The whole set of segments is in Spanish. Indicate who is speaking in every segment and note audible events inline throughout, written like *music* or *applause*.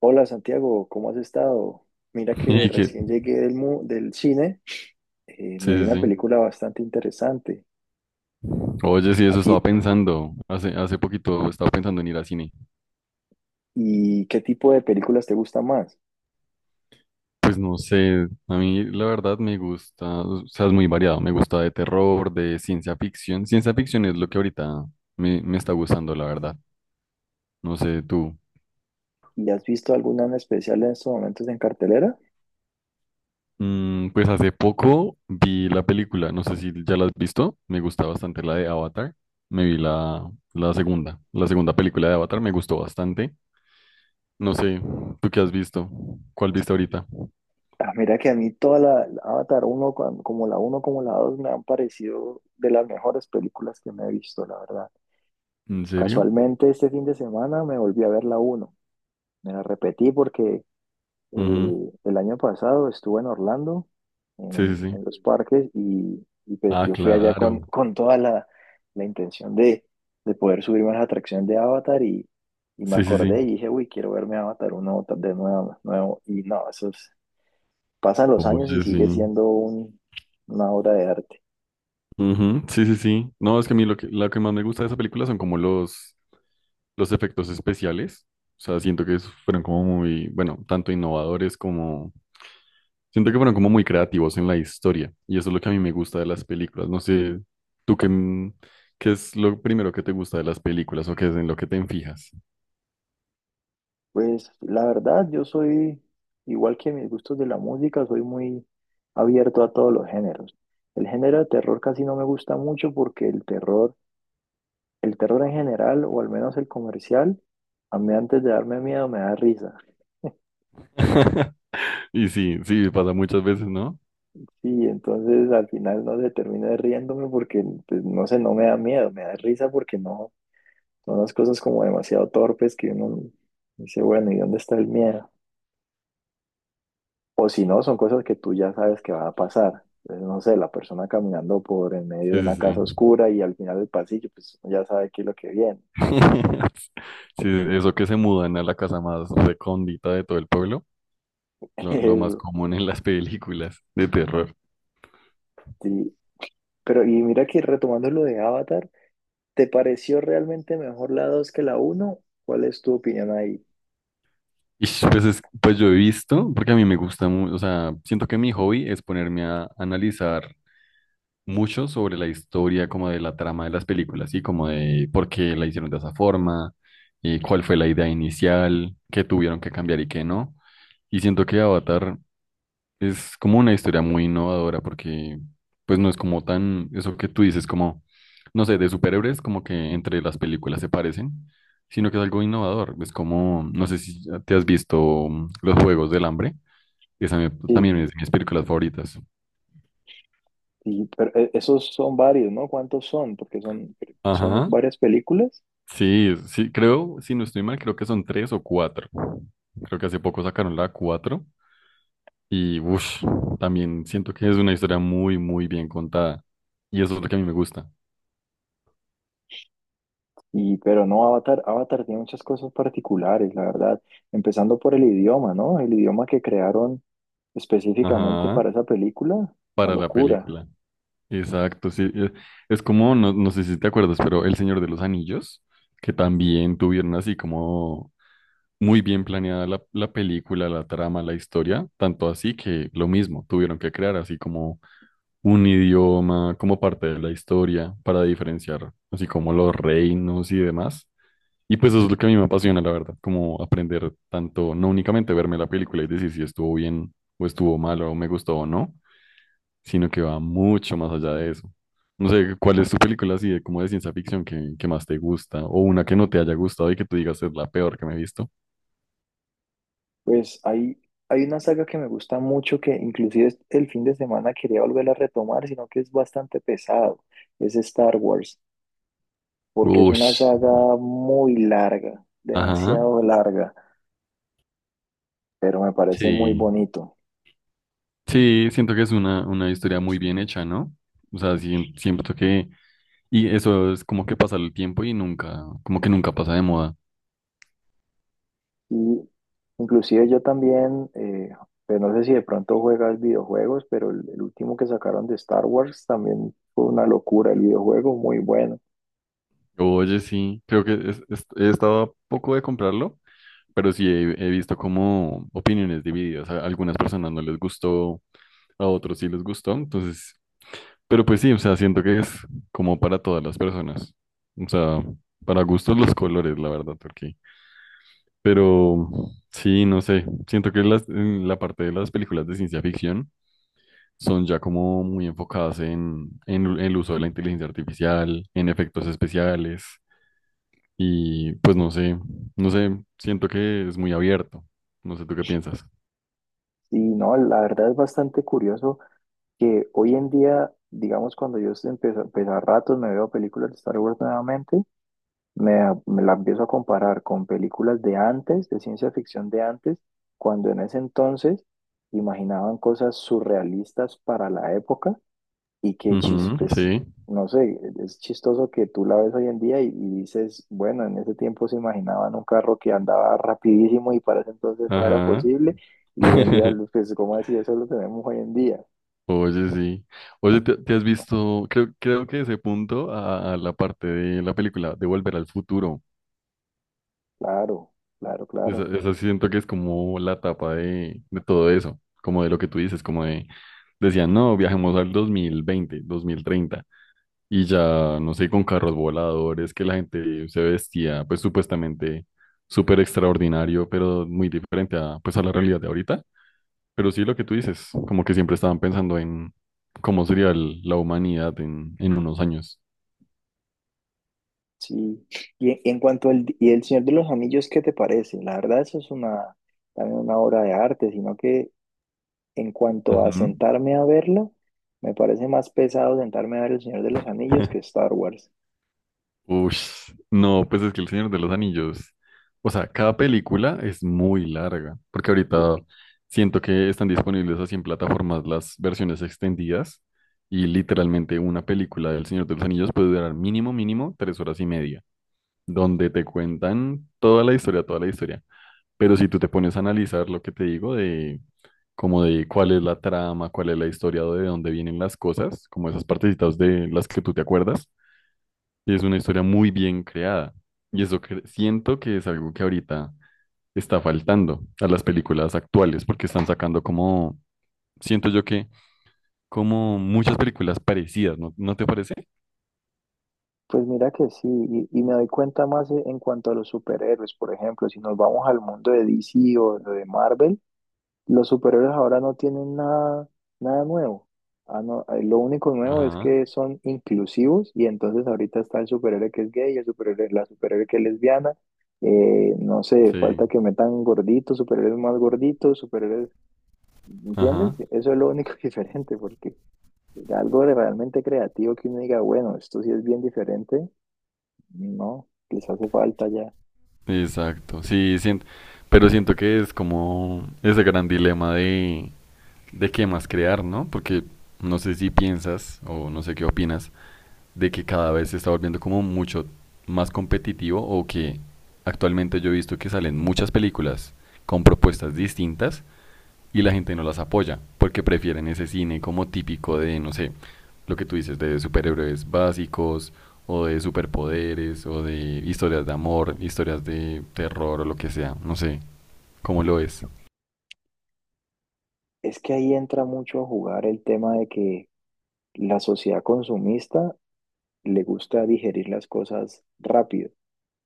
Speaker 1: Hola Santiago, ¿cómo has estado? Mira que
Speaker 2: Y que,
Speaker 1: recién llegué del cine, me vi
Speaker 2: sí, sí,
Speaker 1: una
Speaker 2: sí.
Speaker 1: película bastante interesante.
Speaker 2: Oye, sí,
Speaker 1: ¿A
Speaker 2: eso
Speaker 1: ti?
Speaker 2: estaba pensando. Hace poquito estaba pensando en ir al cine.
Speaker 1: ¿Y qué tipo de películas te gustan más?
Speaker 2: Pues no sé, a mí la verdad me gusta, o sea, es muy variado. Me gusta de terror, de ciencia ficción. Ciencia ficción es lo que ahorita me está gustando, la verdad. No sé, tú.
Speaker 1: ¿Y has visto alguna en especial en estos momentos en cartelera?
Speaker 2: Mm, pues hace poco vi la película, no sé si ya la has visto. Me gusta bastante la de Avatar. Me vi la segunda película de Avatar, me gustó bastante. No sé, ¿tú qué has visto? ¿Cuál viste ahorita?
Speaker 1: Ah, mira que a mí la Avatar uno como la uno como la 2 me han parecido de las mejores películas que me he visto, la verdad.
Speaker 2: ¿En serio?
Speaker 1: Casualmente este fin de semana me volví a ver la uno. Me la repetí porque
Speaker 2: Ujú.
Speaker 1: el año pasado estuve en Orlando,
Speaker 2: Sí, sí, sí.
Speaker 1: en los parques, y pues
Speaker 2: Ah,
Speaker 1: yo fui allá
Speaker 2: claro.
Speaker 1: con toda la intención de poder subirme a la atracción de Avatar y me
Speaker 2: Sí, sí, sí.
Speaker 1: acordé y dije, uy, quiero verme Avatar uno de nuevo. Y no, pasan los años y
Speaker 2: Oye, sí.
Speaker 1: sigue siendo una obra de arte.
Speaker 2: Ujú. Sí, sí, sí. No, es que a mí lo que más me gusta de esa película son como los efectos especiales. O sea, siento que esos fueron como muy, bueno, tanto innovadores como... Siento que fueron como muy creativos en la historia. Y eso es lo que a mí me gusta de las películas. No sé, tú, qué es lo primero que te gusta de las películas o qué es en lo que te enfijas.
Speaker 1: Pues la verdad, igual que mis gustos de la música, soy muy abierto a todos los géneros. El género de terror casi no me gusta mucho porque el terror en general, o al menos el comercial, a mí antes de darme miedo me da risa.
Speaker 2: *laughs* Y sí, sí, pasa muchas veces, ¿no?
Speaker 1: Y entonces al final no se termina riéndome porque, pues, no sé, no me da miedo, me da risa porque no, son las cosas como demasiado torpes que uno dice, bueno, ¿y dónde está el miedo? O si no, son cosas que tú ya sabes que van a pasar. Entonces, no sé, la persona caminando por en medio de
Speaker 2: Sí,
Speaker 1: una
Speaker 2: sí, sí.
Speaker 1: casa oscura y al final del pasillo, pues uno ya sabe qué es lo que viene.
Speaker 2: *laughs* Sí, eso que se mudan a la casa más recóndita de todo el pueblo,
Speaker 1: *laughs*
Speaker 2: lo más
Speaker 1: Eso,
Speaker 2: común en las películas de terror.
Speaker 1: sí. Pero y mira que retomando lo de Avatar, ¿te pareció realmente mejor la 2 que la uno? ¿Cuál es tu opinión ahí?
Speaker 2: Y pues, pues yo he visto, porque a mí me gusta mucho, o sea, siento que mi hobby es ponerme a analizar mucho sobre la historia, como de la trama de las películas, y como de por qué la hicieron de esa forma, y cuál fue la idea inicial, qué tuvieron que cambiar y qué no. Y siento que Avatar es como una historia muy innovadora porque pues no es como tan eso que tú dices como, no sé, de superhéroes como que entre las películas se parecen, sino que es algo innovador. Es como, no sé si ya te has visto Los Juegos del Hambre, esa
Speaker 1: Sí,
Speaker 2: también es de mis películas favoritas.
Speaker 1: sí, pero esos son varios, ¿no? ¿Cuántos son? Son
Speaker 2: Ajá.
Speaker 1: varias películas.
Speaker 2: Sí, sí, creo, si no estoy mal, creo que son tres o cuatro. Creo que hace poco sacaron la cuatro y uff, también siento que es una historia muy, muy bien contada y eso es lo que a mí me gusta.
Speaker 1: Y, pero no, Avatar tiene muchas cosas particulares, la verdad. Empezando por el idioma, ¿no? El idioma que crearon específicamente
Speaker 2: Ajá.
Speaker 1: para esa película, una
Speaker 2: Para la
Speaker 1: locura.
Speaker 2: película. Exacto, sí. Es como, no, no sé si te acuerdas, pero El Señor de los Anillos, que también tuvieron así como muy bien planeada la película, la trama, la historia, tanto así que lo mismo, tuvieron que crear así como un idioma, como parte de la historia, para diferenciar así como los reinos y demás. Y pues eso es lo que a mí me apasiona, la verdad, como aprender tanto, no únicamente verme la película y decir si estuvo bien o estuvo mal o me gustó o no, sino que va mucho más allá de eso. No sé, ¿cuál es tu película así de como de ciencia ficción que más te gusta? O una que no te haya gustado y que tú digas es la peor que me he visto.
Speaker 1: Pues hay, hay una saga que me gusta mucho que inclusive el fin de semana quería volver a retomar, sino que es bastante pesado. Es Star Wars, porque es
Speaker 2: Ush.
Speaker 1: una saga muy larga,
Speaker 2: Ajá.
Speaker 1: demasiado larga, pero me parece muy
Speaker 2: Sí.
Speaker 1: bonito.
Speaker 2: Sí, siento que es una historia muy bien hecha, ¿no? O sea, siento que... Y eso es como que pasa el tiempo y nunca, como que nunca pasa de moda.
Speaker 1: Y inclusive yo también, pues no sé si de pronto juegas videojuegos, pero el último que sacaron de Star Wars también fue una locura, el videojuego muy bueno.
Speaker 2: Oye, sí, creo que he estado a poco de comprarlo, pero sí he, he visto como opiniones divididas. A algunas personas no les gustó, a otros sí les gustó, entonces, pero pues sí, o sea, siento que es como para todas las personas, o sea, para gustos los colores, la verdad, porque, pero sí, no sé, siento que las, en la parte de las películas de ciencia ficción son ya como muy enfocadas en el uso de la inteligencia artificial, en efectos especiales, y pues no sé, no sé, siento que es muy abierto, no sé tú qué piensas.
Speaker 1: Y no, la verdad es bastante curioso que hoy en día, digamos, cuando yo empecé, pues a ratos me veo películas de Star Wars nuevamente. Me la empiezo a comparar con películas de antes, de ciencia ficción de antes, cuando en ese entonces imaginaban cosas surrealistas para la época y que chis,
Speaker 2: Ujú, sí,
Speaker 1: pues, no sé, es chistoso que tú la ves hoy en día y dices, bueno, en ese tiempo se imaginaban un carro que andaba rapidísimo y para ese entonces no era
Speaker 2: ajá.
Speaker 1: posible y hoy en día,
Speaker 2: *laughs*
Speaker 1: pues, ¿cómo así? Eso lo tenemos hoy en día.
Speaker 2: Oye, sí. Oye, ¿te, te has visto? Creo, creo que ese punto a la parte de la película de Volver al Futuro.
Speaker 1: Claro, claro,
Speaker 2: Esa,
Speaker 1: claro.
Speaker 2: esa sí siento que es como la etapa de todo eso, como de lo que tú dices, como de, decían, no, viajemos al 2020, 2030 y ya, no sé, con carros voladores, que la gente se vestía, pues supuestamente súper extraordinario, pero muy diferente a, pues, a la realidad de ahorita. Pero sí lo que tú dices, como que siempre estaban pensando en cómo sería la humanidad en unos años.
Speaker 1: Sí, y en cuanto al y El Señor de los Anillos, ¿qué te parece? La verdad, también una obra de arte, sino que en cuanto a
Speaker 2: Ujú.
Speaker 1: sentarme a verlo, me parece más pesado sentarme a ver El Señor de los Anillos que
Speaker 2: *laughs*
Speaker 1: Star Wars.
Speaker 2: Ush, no, pues es que El Señor de los Anillos, o sea, cada película es muy larga, porque
Speaker 1: Y-
Speaker 2: ahorita siento que están disponibles así en plataformas las versiones extendidas y literalmente una película del Señor de los Anillos puede durar mínimo, mínimo 3 horas y media, donde te cuentan toda la historia, toda la historia. Pero si tú te pones a analizar lo que te digo de como de cuál es la trama, cuál es la historia, de dónde vienen las cosas, como esas partecitas de las que tú te acuerdas, y es una historia muy bien creada. Y eso siento que es algo que ahorita está faltando a las películas actuales, porque están sacando como, siento yo que como muchas películas parecidas, ¿no, no te parece?
Speaker 1: Pues mira que sí, y me doy cuenta más en cuanto a los superhéroes, por ejemplo, si nos vamos al mundo de DC o lo de Marvel. Los superhéroes ahora no tienen nada nuevo. Ah, no, lo único nuevo es
Speaker 2: Ajá,
Speaker 1: que son inclusivos y entonces ahorita está el superhéroe que es gay, el superhéroe, la superhéroe que es lesbiana. No sé,
Speaker 2: sí,
Speaker 1: falta que metan gorditos, superhéroes más gorditos, superhéroes, ¿entiendes?
Speaker 2: ajá,
Speaker 1: Eso es lo único *laughs* diferente, porque algo de realmente creativo que uno diga, bueno, esto sí es bien diferente, no, les hace falta ya.
Speaker 2: exacto, sí, pero siento que es como ese gran dilema de qué más crear, ¿no? Porque no sé si piensas o no sé qué opinas de que cada vez se está volviendo como mucho más competitivo o que actualmente yo he visto que salen muchas películas con propuestas distintas y la gente no las apoya porque prefieren ese cine como típico de, no sé, lo que tú dices de superhéroes básicos o de superpoderes o de historias de amor, historias de terror o lo que sea, no sé, cómo lo es.
Speaker 1: Es que ahí entra mucho a jugar el tema de que la sociedad consumista le gusta digerir las cosas rápido.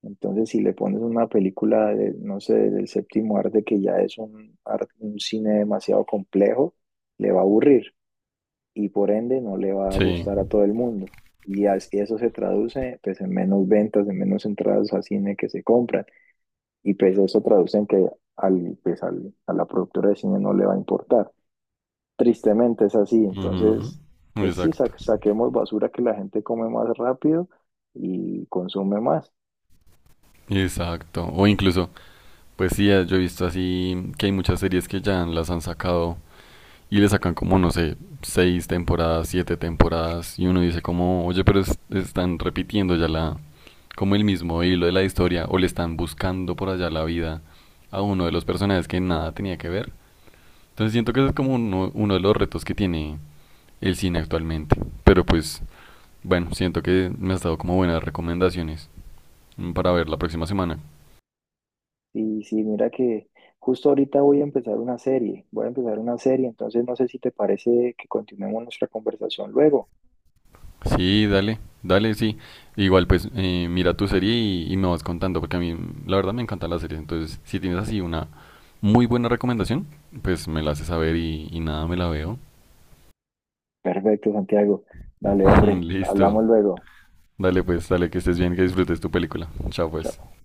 Speaker 1: Entonces, si le pones una película de, no sé, del séptimo arte, que ya es un cine demasiado complejo, le va a aburrir y por ende no le va a
Speaker 2: Sí,
Speaker 1: gustar a todo el mundo. Y así eso se traduce pues en menos ventas, en menos entradas a cine que se compran. Y pues eso traduce en que a la productora de cine no le va a importar. Tristemente es así,
Speaker 2: ujú,
Speaker 1: entonces, pues sí,
Speaker 2: exacto.
Speaker 1: saquemos basura que la gente come más rápido y consume más.
Speaker 2: Exacto. O incluso, pues sí, yo he visto así que hay muchas series que ya las han sacado y le sacan como, no sé, seis temporadas, siete temporadas y uno dice como, oye, pero están repitiendo ya la, como el mismo hilo de la historia o le están buscando por allá la vida a uno de los personajes que nada tenía que ver. Entonces siento que ese es como uno de los retos que tiene el cine actualmente. Pero pues, bueno, siento que me has dado como buenas recomendaciones para ver la próxima semana.
Speaker 1: Y sí, mira que justo ahorita voy a empezar voy a empezar una serie, entonces no sé si te parece que continuemos nuestra conversación luego.
Speaker 2: Sí, dale, dale, sí. Igual, pues mira tu serie y me vas contando, porque a mí la verdad me encantan las series. Entonces, si tienes así una muy buena recomendación, pues me la haces saber y nada, me la veo.
Speaker 1: Perfecto, Santiago. Dale,
Speaker 2: *laughs*
Speaker 1: hombre,
Speaker 2: Listo.
Speaker 1: hablamos luego.
Speaker 2: Dale, pues, dale, que estés bien, que disfrutes tu película. Chao,
Speaker 1: Chao.
Speaker 2: pues.